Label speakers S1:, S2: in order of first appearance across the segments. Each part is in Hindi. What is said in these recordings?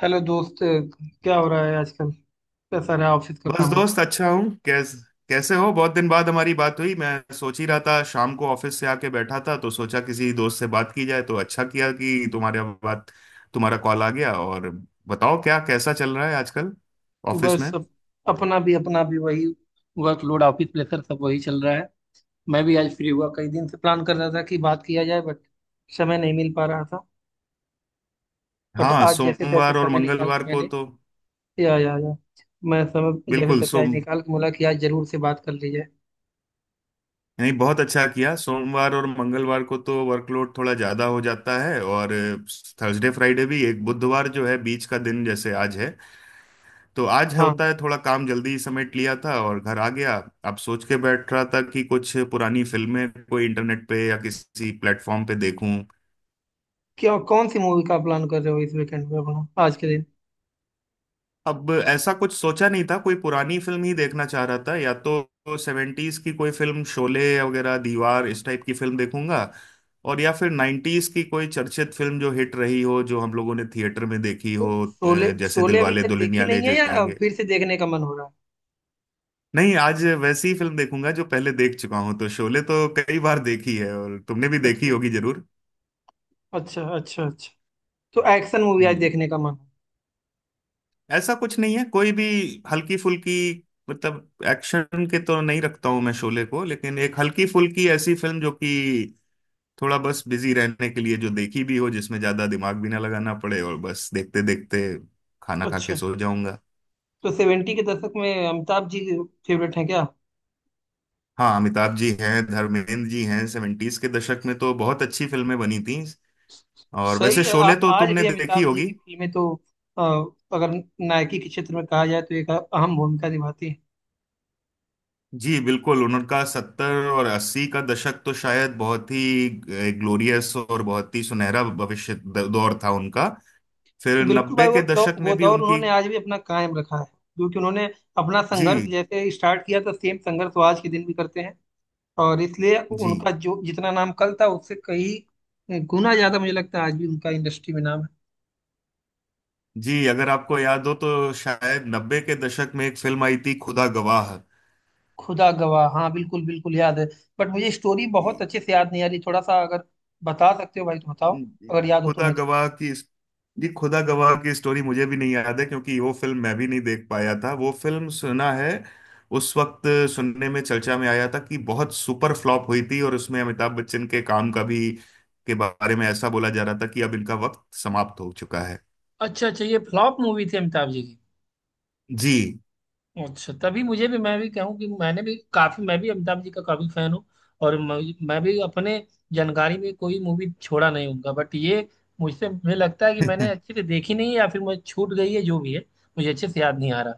S1: हेलो दोस्त। क्या हो रहा है आजकल? कैसा रहा ऑफिस का
S2: बस
S1: काम हो?
S2: दोस्त, अच्छा हूँ। कैसे हो? बहुत दिन बाद हमारी बात हुई। मैं सोच ही रहा था, शाम को ऑफिस से आके बैठा था तो सोचा किसी दोस्त से बात की जाए, तो अच्छा किया कि तुम्हारे बात तुम्हारा कॉल आ गया। और बताओ, क्या कैसा चल रहा है आजकल ऑफिस
S1: बस,
S2: में?
S1: अपना भी वही वर्कलोड, ऑफिस प्रेशर, सब वही चल रहा है। मैं भी आज फ्री हुआ, कई दिन से प्लान कर रहा था कि बात किया जाए, बट समय नहीं मिल पा रहा था। बट
S2: हाँ,
S1: आज जैसे तैसे
S2: सोमवार और
S1: समय निकाल के
S2: मंगलवार को
S1: मैंने
S2: तो
S1: या मैं समय जैसे
S2: बिल्कुल
S1: तैसे आज
S2: सोम
S1: निकाल के बोला कि आज जरूर से बात कर ली जाए।
S2: नहीं, बहुत अच्छा किया। सोमवार और मंगलवार को तो वर्कलोड थोड़ा ज्यादा हो जाता है, और थर्सडे फ्राइडे भी। एक बुधवार जो है बीच का दिन, जैसे आज है, तो आज है,
S1: हाँ।
S2: होता है, थोड़ा काम जल्दी समेट लिया था और घर आ गया। अब सोच के बैठ रहा था कि कुछ पुरानी फिल्में कोई इंटरनेट पे या किसी प्लेटफॉर्म पे देखूं।
S1: क्या कौन सी मूवी का प्लान कर रहे हो इस वीकेंड में, अपना आज के दिन?
S2: अब ऐसा कुछ सोचा नहीं था, कोई पुरानी फिल्म ही देखना चाह रहा था। या तो सेवेंटीज की कोई फिल्म शोले वगैरह, दीवार, इस टाइप की फिल्म देखूंगा, और या फिर नाइन्टीज की कोई चर्चित फिल्म जो हिट रही हो, जो हम लोगों ने थिएटर में देखी
S1: तो
S2: हो,
S1: शोले
S2: जैसे
S1: शोले अभी
S2: दिलवाले
S1: तक देखी
S2: दुल्हनिया ले
S1: नहीं है या
S2: जाएंगे।
S1: फिर से देखने का मन हो रहा है?
S2: नहीं, आज वैसी ही फिल्म देखूंगा जो पहले देख चुका हूं। तो शोले तो कई बार देखी है, और तुमने भी देखी
S1: अच्छा,
S2: होगी जरूर।
S1: अच्छा, अच्छा। अच्छा, तो एक्शन मूवी आज
S2: हम्म।
S1: देखने का मन?
S2: ऐसा कुछ नहीं है, कोई भी हल्की फुल्की। मतलब एक्शन के तो नहीं रखता हूं मैं शोले को, लेकिन एक हल्की फुल्की ऐसी फिल्म जो कि थोड़ा बस बिजी रहने के लिए, जो देखी भी हो, जिसमें ज्यादा दिमाग भी ना लगाना पड़े, और बस देखते देखते खाना खा के
S1: अच्छा,
S2: सो जाऊंगा।
S1: तो सेवेंटी के दशक में अमिताभ जी फेवरेट हैं क्या?
S2: हाँ, अमिताभ जी हैं, धर्मेंद्र जी हैं। सेवेंटीज के दशक में तो बहुत अच्छी फिल्में बनी थी। और
S1: सही
S2: वैसे
S1: है।
S2: शोले तो
S1: आज
S2: तुमने
S1: भी
S2: देखी
S1: अमिताभ जी
S2: होगी।
S1: की फिल्में तो, अ, अगर नायकी के क्षेत्र में कहा जाए तो एक अहम भूमिका निभाती है।
S2: जी बिल्कुल, उनका सत्तर और अस्सी का दशक तो शायद बहुत ही ग्लोरियस और बहुत ही सुनहरा भविष्य दौर था उनका। फिर
S1: बिल्कुल
S2: नब्बे
S1: भाई।
S2: के दशक
S1: वो
S2: में भी
S1: दौर
S2: उनकी।
S1: उन्होंने आज भी अपना कायम रखा है, क्योंकि उन्होंने अपना संघर्ष
S2: जी।
S1: जैसे स्टार्ट किया था, सेम संघर्ष वो आज के दिन भी करते हैं। और इसलिए
S2: जी।
S1: उनका जो जितना नाम कल था, उससे कई गुना ज्यादा मुझे लगता है आज भी उनका इंडस्ट्री में नाम।
S2: जी, अगर आपको याद हो तो शायद नब्बे के दशक में एक फिल्म आई थी, खुदा गवाह।
S1: खुदा गवाह? हाँ, बिल्कुल बिल्कुल याद है। बट मुझे स्टोरी बहुत अच्छे से याद नहीं आ रही। थोड़ा सा अगर बता सकते हो भाई तो बताओ, अगर याद हो
S2: खुदा
S1: तुम्हें तो।
S2: गवाह की, जी खुदा गवाह की स्टोरी मुझे भी नहीं याद है, क्योंकि वो फिल्म मैं भी नहीं देख पाया था। वो फिल्म सुना है उस वक्त सुनने में, चर्चा में आया था कि बहुत सुपर फ्लॉप हुई थी, और उसमें अमिताभ बच्चन के काम का भी के बारे में ऐसा बोला जा रहा था कि अब इनका वक्त समाप्त हो चुका है।
S1: अच्छा, अच्छा, ये फ्लॉप मूवी थी अमिताभ जी की?
S2: जी।
S1: अच्छा, तभी मुझे भी मैं भी कहूँ कि मैं भी अमिताभ जी का काफी फैन हूँ। और मैं भी अपने जानकारी में कोई मूवी छोड़ा नहीं उनका। बट ये मुझसे मुझे लगता है कि मैंने अच्छे से देखी नहीं है या फिर मुझे छूट गई है, जो भी है। मुझे अच्छे से याद नहीं आ रहा।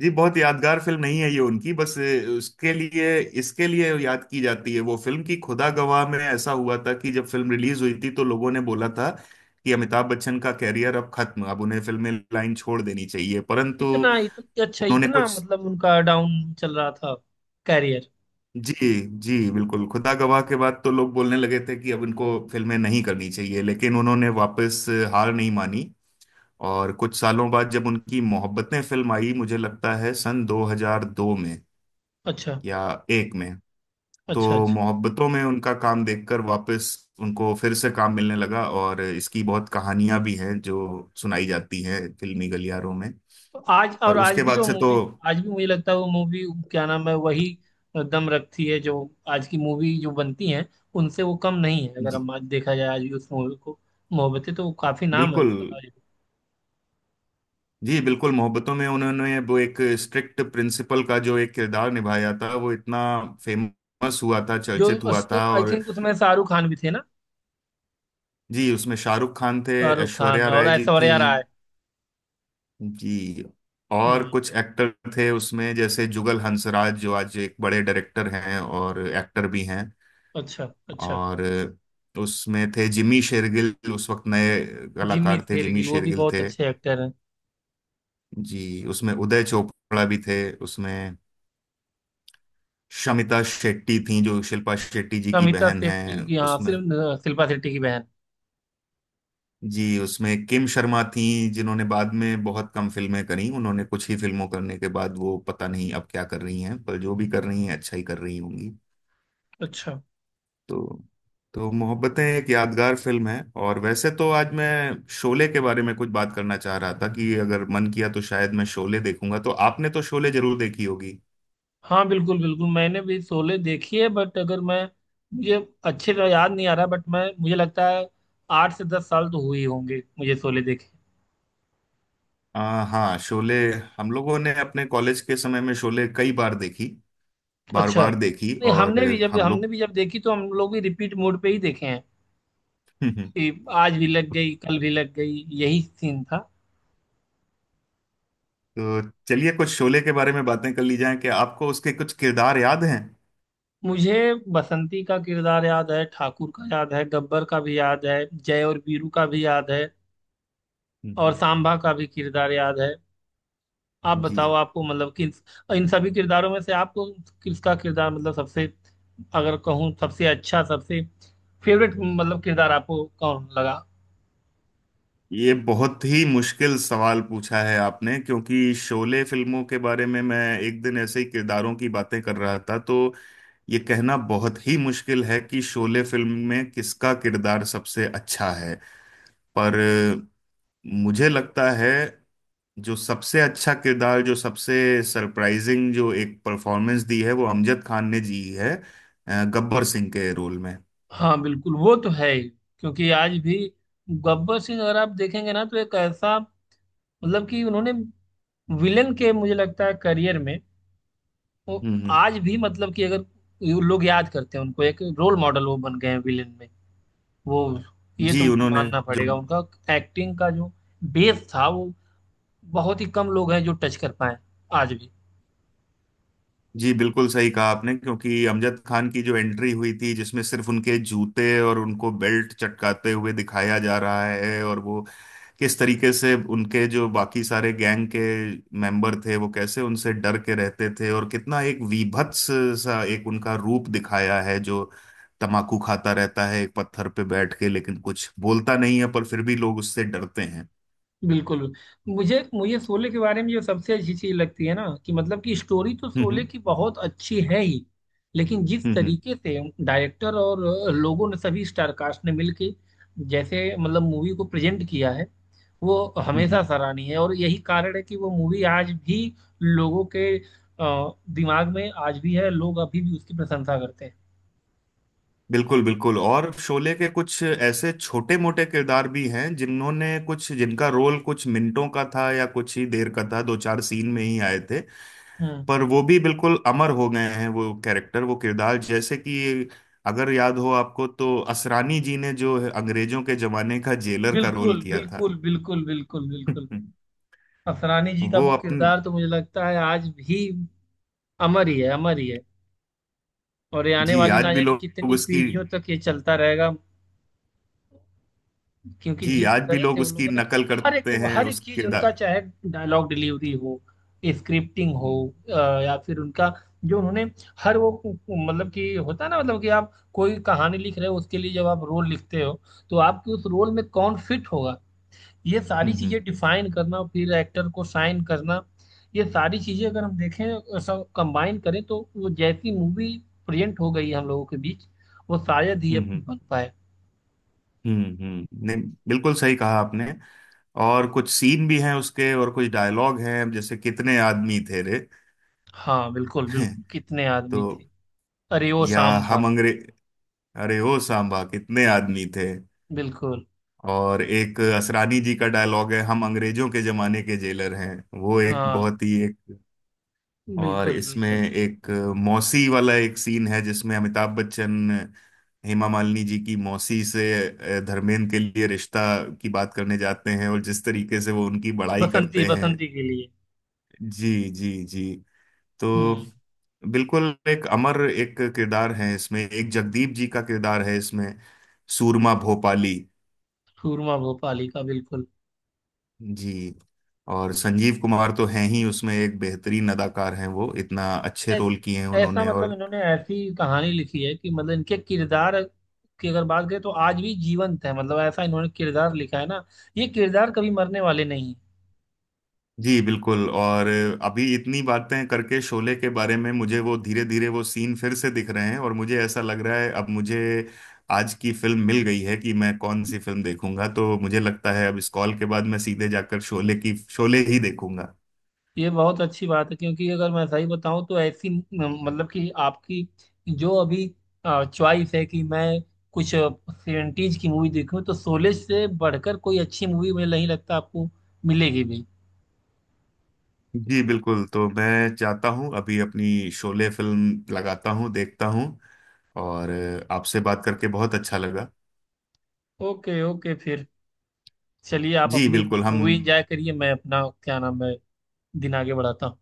S2: जी, बहुत यादगार फिल्म नहीं है ये उनकी, बस उसके लिए, इसके लिए याद की जाती है वो फिल्म की, खुदा गवाह में ऐसा हुआ था कि जब फिल्म रिलीज हुई थी तो लोगों ने बोला था कि अमिताभ बच्चन का कैरियर अब खत्म, अब उन्हें फिल्में लाइन छोड़ देनी चाहिए, परंतु
S1: इतना इतना अच्छा,
S2: उन्होंने
S1: इतना
S2: कुछ।
S1: मतलब उनका डाउन चल रहा था कैरियर?
S2: जी। जी बिल्कुल, खुदा गवाह के बाद तो लोग बोलने लगे थे कि अब इनको फिल्में नहीं करनी चाहिए, लेकिन उन्होंने वापस हार नहीं मानी। और कुछ सालों बाद जब उनकी मोहब्बतें फिल्म आई, मुझे लगता है सन 2002 में,
S1: अच्छा,
S2: या एक में। तो
S1: अच्छा, अच्छा।
S2: मोहब्बतों में उनका काम देखकर वापस उनको फिर से काम मिलने लगा, और इसकी बहुत कहानियां भी हैं जो सुनाई जाती हैं फिल्मी गलियारों में,
S1: तो आज,
S2: पर
S1: और आज
S2: उसके
S1: भी
S2: बाद
S1: वो
S2: से तो।
S1: मूवी, आज भी मुझे लगता है वो मूवी, क्या नाम है वही, दम रखती है, जो आज की मूवी जो बनती हैं, उनसे वो कम नहीं है, अगर
S2: जी
S1: हम आज देखा जाए आज भी उस मूवी को। मोहब्बतें, तो वो काफी नाम है
S2: बिल्कुल।
S1: उसका आज भी।
S2: जी बिल्कुल, मोहब्बतों में उन्होंने वो एक स्ट्रिक्ट प्रिंसिपल का जो एक किरदार निभाया था, वो इतना फेमस हुआ था,
S1: जो,
S2: चर्चित हुआ था।
S1: आई
S2: और
S1: थिंक उसमें शाहरुख खान भी थे ना?
S2: जी, उसमें शाहरुख खान थे।
S1: शाहरुख खान
S2: ऐश्वर्या
S1: और
S2: राय जी थी।
S1: ऐश्वर्या राय।
S2: जी। और
S1: हम्म।
S2: कुछ एक्टर थे उसमें, जैसे जुगल हंसराज जो आज एक बड़े डायरेक्टर हैं और एक्टर भी हैं।
S1: अच्छा, अच्छा।
S2: और उसमें थे जिमी शेरगिल, उस वक्त नए
S1: जिम्मी
S2: कलाकार थे, जिमी
S1: शेरगिल, वो भी
S2: शेरगिल
S1: बहुत
S2: थे।
S1: अच्छे एक्टर हैं।
S2: जी, उसमें उदय चोपड़ा भी थे। उसमें शमिता शेट्टी थी, जो शिल्पा शेट्टी जी की
S1: समिता
S2: बहन हैं।
S1: शेट्टी की, हाँ,
S2: उसमें,
S1: सिर्फ शिल्पा शेट्टी की बहन।
S2: जी उसमें किम शर्मा थी, जिन्होंने बाद में बहुत कम फिल्में करी, उन्होंने कुछ ही फिल्मों करने के बाद वो पता नहीं अब क्या कर रही हैं, पर जो भी कर रही हैं अच्छा ही कर रही होंगी।
S1: अच्छा।
S2: तो तो मोहब्बतें एक यादगार फिल्म है। और वैसे तो आज मैं शोले के बारे में कुछ बात करना चाह रहा था कि अगर मन किया तो शायद मैं शोले देखूंगा। तो आपने तो शोले जरूर देखी होगी।
S1: हाँ, बिल्कुल बिल्कुल मैंने भी शोले देखी है। बट अगर मैं, मुझे अच्छे से याद नहीं आ रहा, बट मैं, मुझे लगता है 8 से 10 साल तो हुई होंगे मुझे शोले देखे।
S2: हाँ शोले, हम लोगों ने अपने कॉलेज के समय में शोले कई बार देखी, बार
S1: अच्छा।
S2: बार देखी।
S1: नहीं,
S2: और
S1: हमने भी जब
S2: हम
S1: हमने
S2: लोग
S1: भी जब देखी तो हम लोग भी रिपीट मोड पे ही देखे हैं, कि आज भी लग गई कल भी लग गई, यही सीन था।
S2: तो चलिए कुछ शोले के बारे में बातें कर ली जाएं। कि आपको उसके कुछ किरदार याद हैं?
S1: मुझे बसंती का किरदार याद है, ठाकुर का याद है, गब्बर का भी याद है, जय और वीरू का भी याद है, और
S2: हम्म।
S1: सांबा का भी किरदार याद है। आप बताओ,
S2: जी,
S1: आपको मतलब कि इन सभी किरदारों में से आपको किसका किरदार, मतलब सबसे, अगर कहूँ सबसे अच्छा, सबसे फेवरेट, मतलब किरदार आपको कौन लगा?
S2: ये बहुत ही मुश्किल सवाल पूछा है आपने, क्योंकि शोले फिल्मों के बारे में मैं एक दिन ऐसे ही किरदारों की बातें कर रहा था। तो ये कहना बहुत ही मुश्किल है कि शोले फिल्म में किसका किरदार सबसे अच्छा है। पर मुझे लगता है जो सबसे अच्छा किरदार, जो सबसे सरप्राइजिंग, जो एक परफॉर्मेंस दी है वो अमजद खान ने दी है, गब्बर सिंह के रोल में।
S1: हाँ बिल्कुल, वो तो है ही। क्योंकि आज भी गब्बर सिंह अगर आप देखेंगे ना, तो एक ऐसा, मतलब कि उन्होंने विलन के, मुझे लगता है करियर में, वो
S2: हम्म,
S1: आज भी, मतलब कि अगर ये लोग याद करते हैं उनको, एक रोल मॉडल वो बन गए हैं विलन में, वो, ये तो
S2: जी, उन्होंने
S1: मानना
S2: जो,
S1: पड़ेगा उनका एक्टिंग का जो बेस था, वो बहुत ही कम लोग हैं जो टच कर पाए आज भी।
S2: जी बिल्कुल सही कहा आपने, क्योंकि अमजद खान की जो एंट्री हुई थी जिसमें सिर्फ उनके जूते और उनको बेल्ट चटकाते हुए दिखाया जा रहा है, और वो किस तरीके से उनके जो बाकी सारे गैंग के मेंबर थे वो कैसे उनसे डर के रहते थे, और कितना एक वीभत्स सा एक उनका रूप दिखाया है, जो तमाकू खाता रहता है एक पत्थर पे बैठ के, लेकिन कुछ बोलता नहीं है पर फिर भी लोग उससे डरते हैं।
S1: बिल्कुल। मुझे मुझे शोले के बारे में जो सबसे अच्छी चीज लगती है ना, कि मतलब कि स्टोरी तो
S2: हम्म,
S1: शोले
S2: हम्म।
S1: की बहुत अच्छी है ही, लेकिन जिस
S2: हम्म,
S1: तरीके से डायरेक्टर और लोगों ने, सभी स्टार कास्ट ने मिलके, जैसे मतलब मूवी को प्रेजेंट किया है, वो
S2: हम्म।
S1: हमेशा
S2: हम्म।
S1: सराहनीय है, और यही कारण है कि वो मूवी आज भी लोगों के दिमाग में आज भी है, लोग अभी भी उसकी प्रशंसा करते हैं।
S2: बिल्कुल बिल्कुल। और शोले के कुछ ऐसे छोटे मोटे किरदार भी हैं, जिन्होंने कुछ, जिनका रोल कुछ मिनटों का था या कुछ ही देर का था, दो चार सीन में ही आए थे,
S1: हम्म।
S2: पर वो भी बिल्कुल अमर हो गए हैं वो कैरेक्टर, वो किरदार। जैसे कि अगर याद हो आपको तो असरानी जी ने जो अंग्रेजों के जमाने का जेलर का रोल
S1: बिल्कुल,
S2: किया था।
S1: बिल्कुल, बिल्कुल, बिल्कुल, बिल्कुल। असरानी जी का
S2: वो
S1: वो
S2: अपने,
S1: किरदार तो मुझे लगता है आज भी अमर ही है, अमर ही है। और ये आने
S2: जी
S1: वाली
S2: आज
S1: ना
S2: भी
S1: जाने
S2: लोग
S1: कितनी
S2: उसकी,
S1: पीढ़ियों तक ये चलता रहेगा, क्योंकि
S2: जी
S1: जिस
S2: आज भी
S1: तरह
S2: लोग
S1: से उन
S2: उसकी
S1: लोगों ने
S2: नकल करते हैं
S1: हर एक
S2: उस
S1: चीज, उनका,
S2: किरदार।
S1: चाहे डायलॉग डिलीवरी हो, स्क्रिप्टिंग हो,
S2: हम्म,
S1: या फिर उनका जो उन्होंने, हर वो मतलब कि होता है ना, मतलब कि आप कोई कहानी लिख रहे हो, उसके लिए जब आप रोल लिखते हो, तो आपके उस रोल में कौन फिट होगा, ये
S2: हम्म।
S1: सारी चीजें
S2: हम्म,
S1: डिफाइन करना, फिर एक्टर को साइन करना, ये सारी चीजें अगर हम देखें सब कंबाइन करें, तो वो जैसी मूवी प्रेजेंट हो गई है हम लोगों के बीच, वो शायद ही
S2: हम्म।
S1: अब
S2: हम्म।
S1: बन पाए।
S2: हम्म, हम्म, नहीं, बिल्कुल सही कहा आपने। और कुछ सीन भी हैं उसके, और कुछ डायलॉग हैं, जैसे कितने आदमी थे रे।
S1: हाँ बिल्कुल, बिल्कुल कितने आदमी थे।
S2: तो,
S1: अरे ओ
S2: या
S1: सांभा।
S2: हम अंग्रेज, अरे ओ सांबा, कितने आदमी थे।
S1: बिल्कुल।
S2: और एक असरानी जी का डायलॉग है, हम अंग्रेजों के जमाने के जेलर हैं, वो एक
S1: हाँ,
S2: बहुत ही एक, और
S1: बिल्कुल
S2: इसमें
S1: बिल्कुल।
S2: एक मौसी वाला एक सीन है, जिसमें अमिताभ बच्चन हेमा मालिनी जी की मौसी से धर्मेंद्र के लिए रिश्ता की बात करने जाते हैं, और जिस तरीके से वो उनकी बड़ाई
S1: बसंती,
S2: करते हैं।
S1: बसंती के लिए।
S2: जी। जी जी। तो
S1: हम्म।
S2: बिल्कुल एक अमर एक किरदार है, इसमें एक जगदीप जी का किरदार है इसमें, सूरमा भोपाली।
S1: सूरमा भोपाली का, बिल्कुल।
S2: जी। और संजीव कुमार तो हैं ही उसमें, एक बेहतरीन अदाकार हैं, वो इतना अच्छे
S1: ऐस,
S2: रोल किए हैं
S1: ऐसा
S2: उन्होंने।
S1: मतलब
S2: और
S1: इन्होंने ऐसी कहानी लिखी है कि मतलब इनके किरदार की अगर बात करें तो आज भी जीवंत है, मतलब ऐसा इन्होंने किरदार लिखा है ना, ये किरदार कभी मरने वाले नहीं।
S2: जी बिल्कुल, और अभी इतनी बातें करके शोले के बारे में, मुझे वो धीरे धीरे वो सीन फिर से दिख रहे हैं, और मुझे ऐसा लग रहा है अब मुझे आज की फिल्म मिल गई है कि मैं कौन सी फिल्म देखूंगा। तो मुझे लगता है अब इस कॉल के बाद मैं सीधे जाकर शोले की, शोले ही देखूंगा।
S1: ये बहुत अच्छी बात है, क्योंकि अगर मैं सही बताऊं तो ऐसी मतलब कि आपकी जो अभी चॉइस है कि मैं कुछ सेवेंटीज की मूवी देखूं, तो शोले से बढ़कर कोई अच्छी मूवी मुझे नहीं लगता आपको मिलेगी भी।
S2: जी बिल्कुल, तो मैं चाहता हूँ अभी अपनी शोले फिल्म लगाता हूँ, देखता हूँ। और आपसे बात करके बहुत अच्छा लगा।
S1: ओके, ओके, फिर चलिए आप
S2: जी
S1: अपनी
S2: बिल्कुल हम।
S1: मूवी एंजॉय करिए, मैं अपना क्या नाम है दिन आगे बढ़ाता हूँ।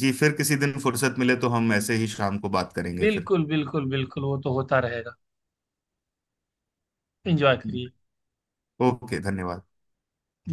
S2: जी, फिर किसी दिन फुर्सत मिले तो हम ऐसे ही शाम को बात करेंगे फिर।
S1: बिल्कुल, बिल्कुल, बिल्कुल, वो तो होता रहेगा। एंजॉय करिए।
S2: ओके, धन्यवाद।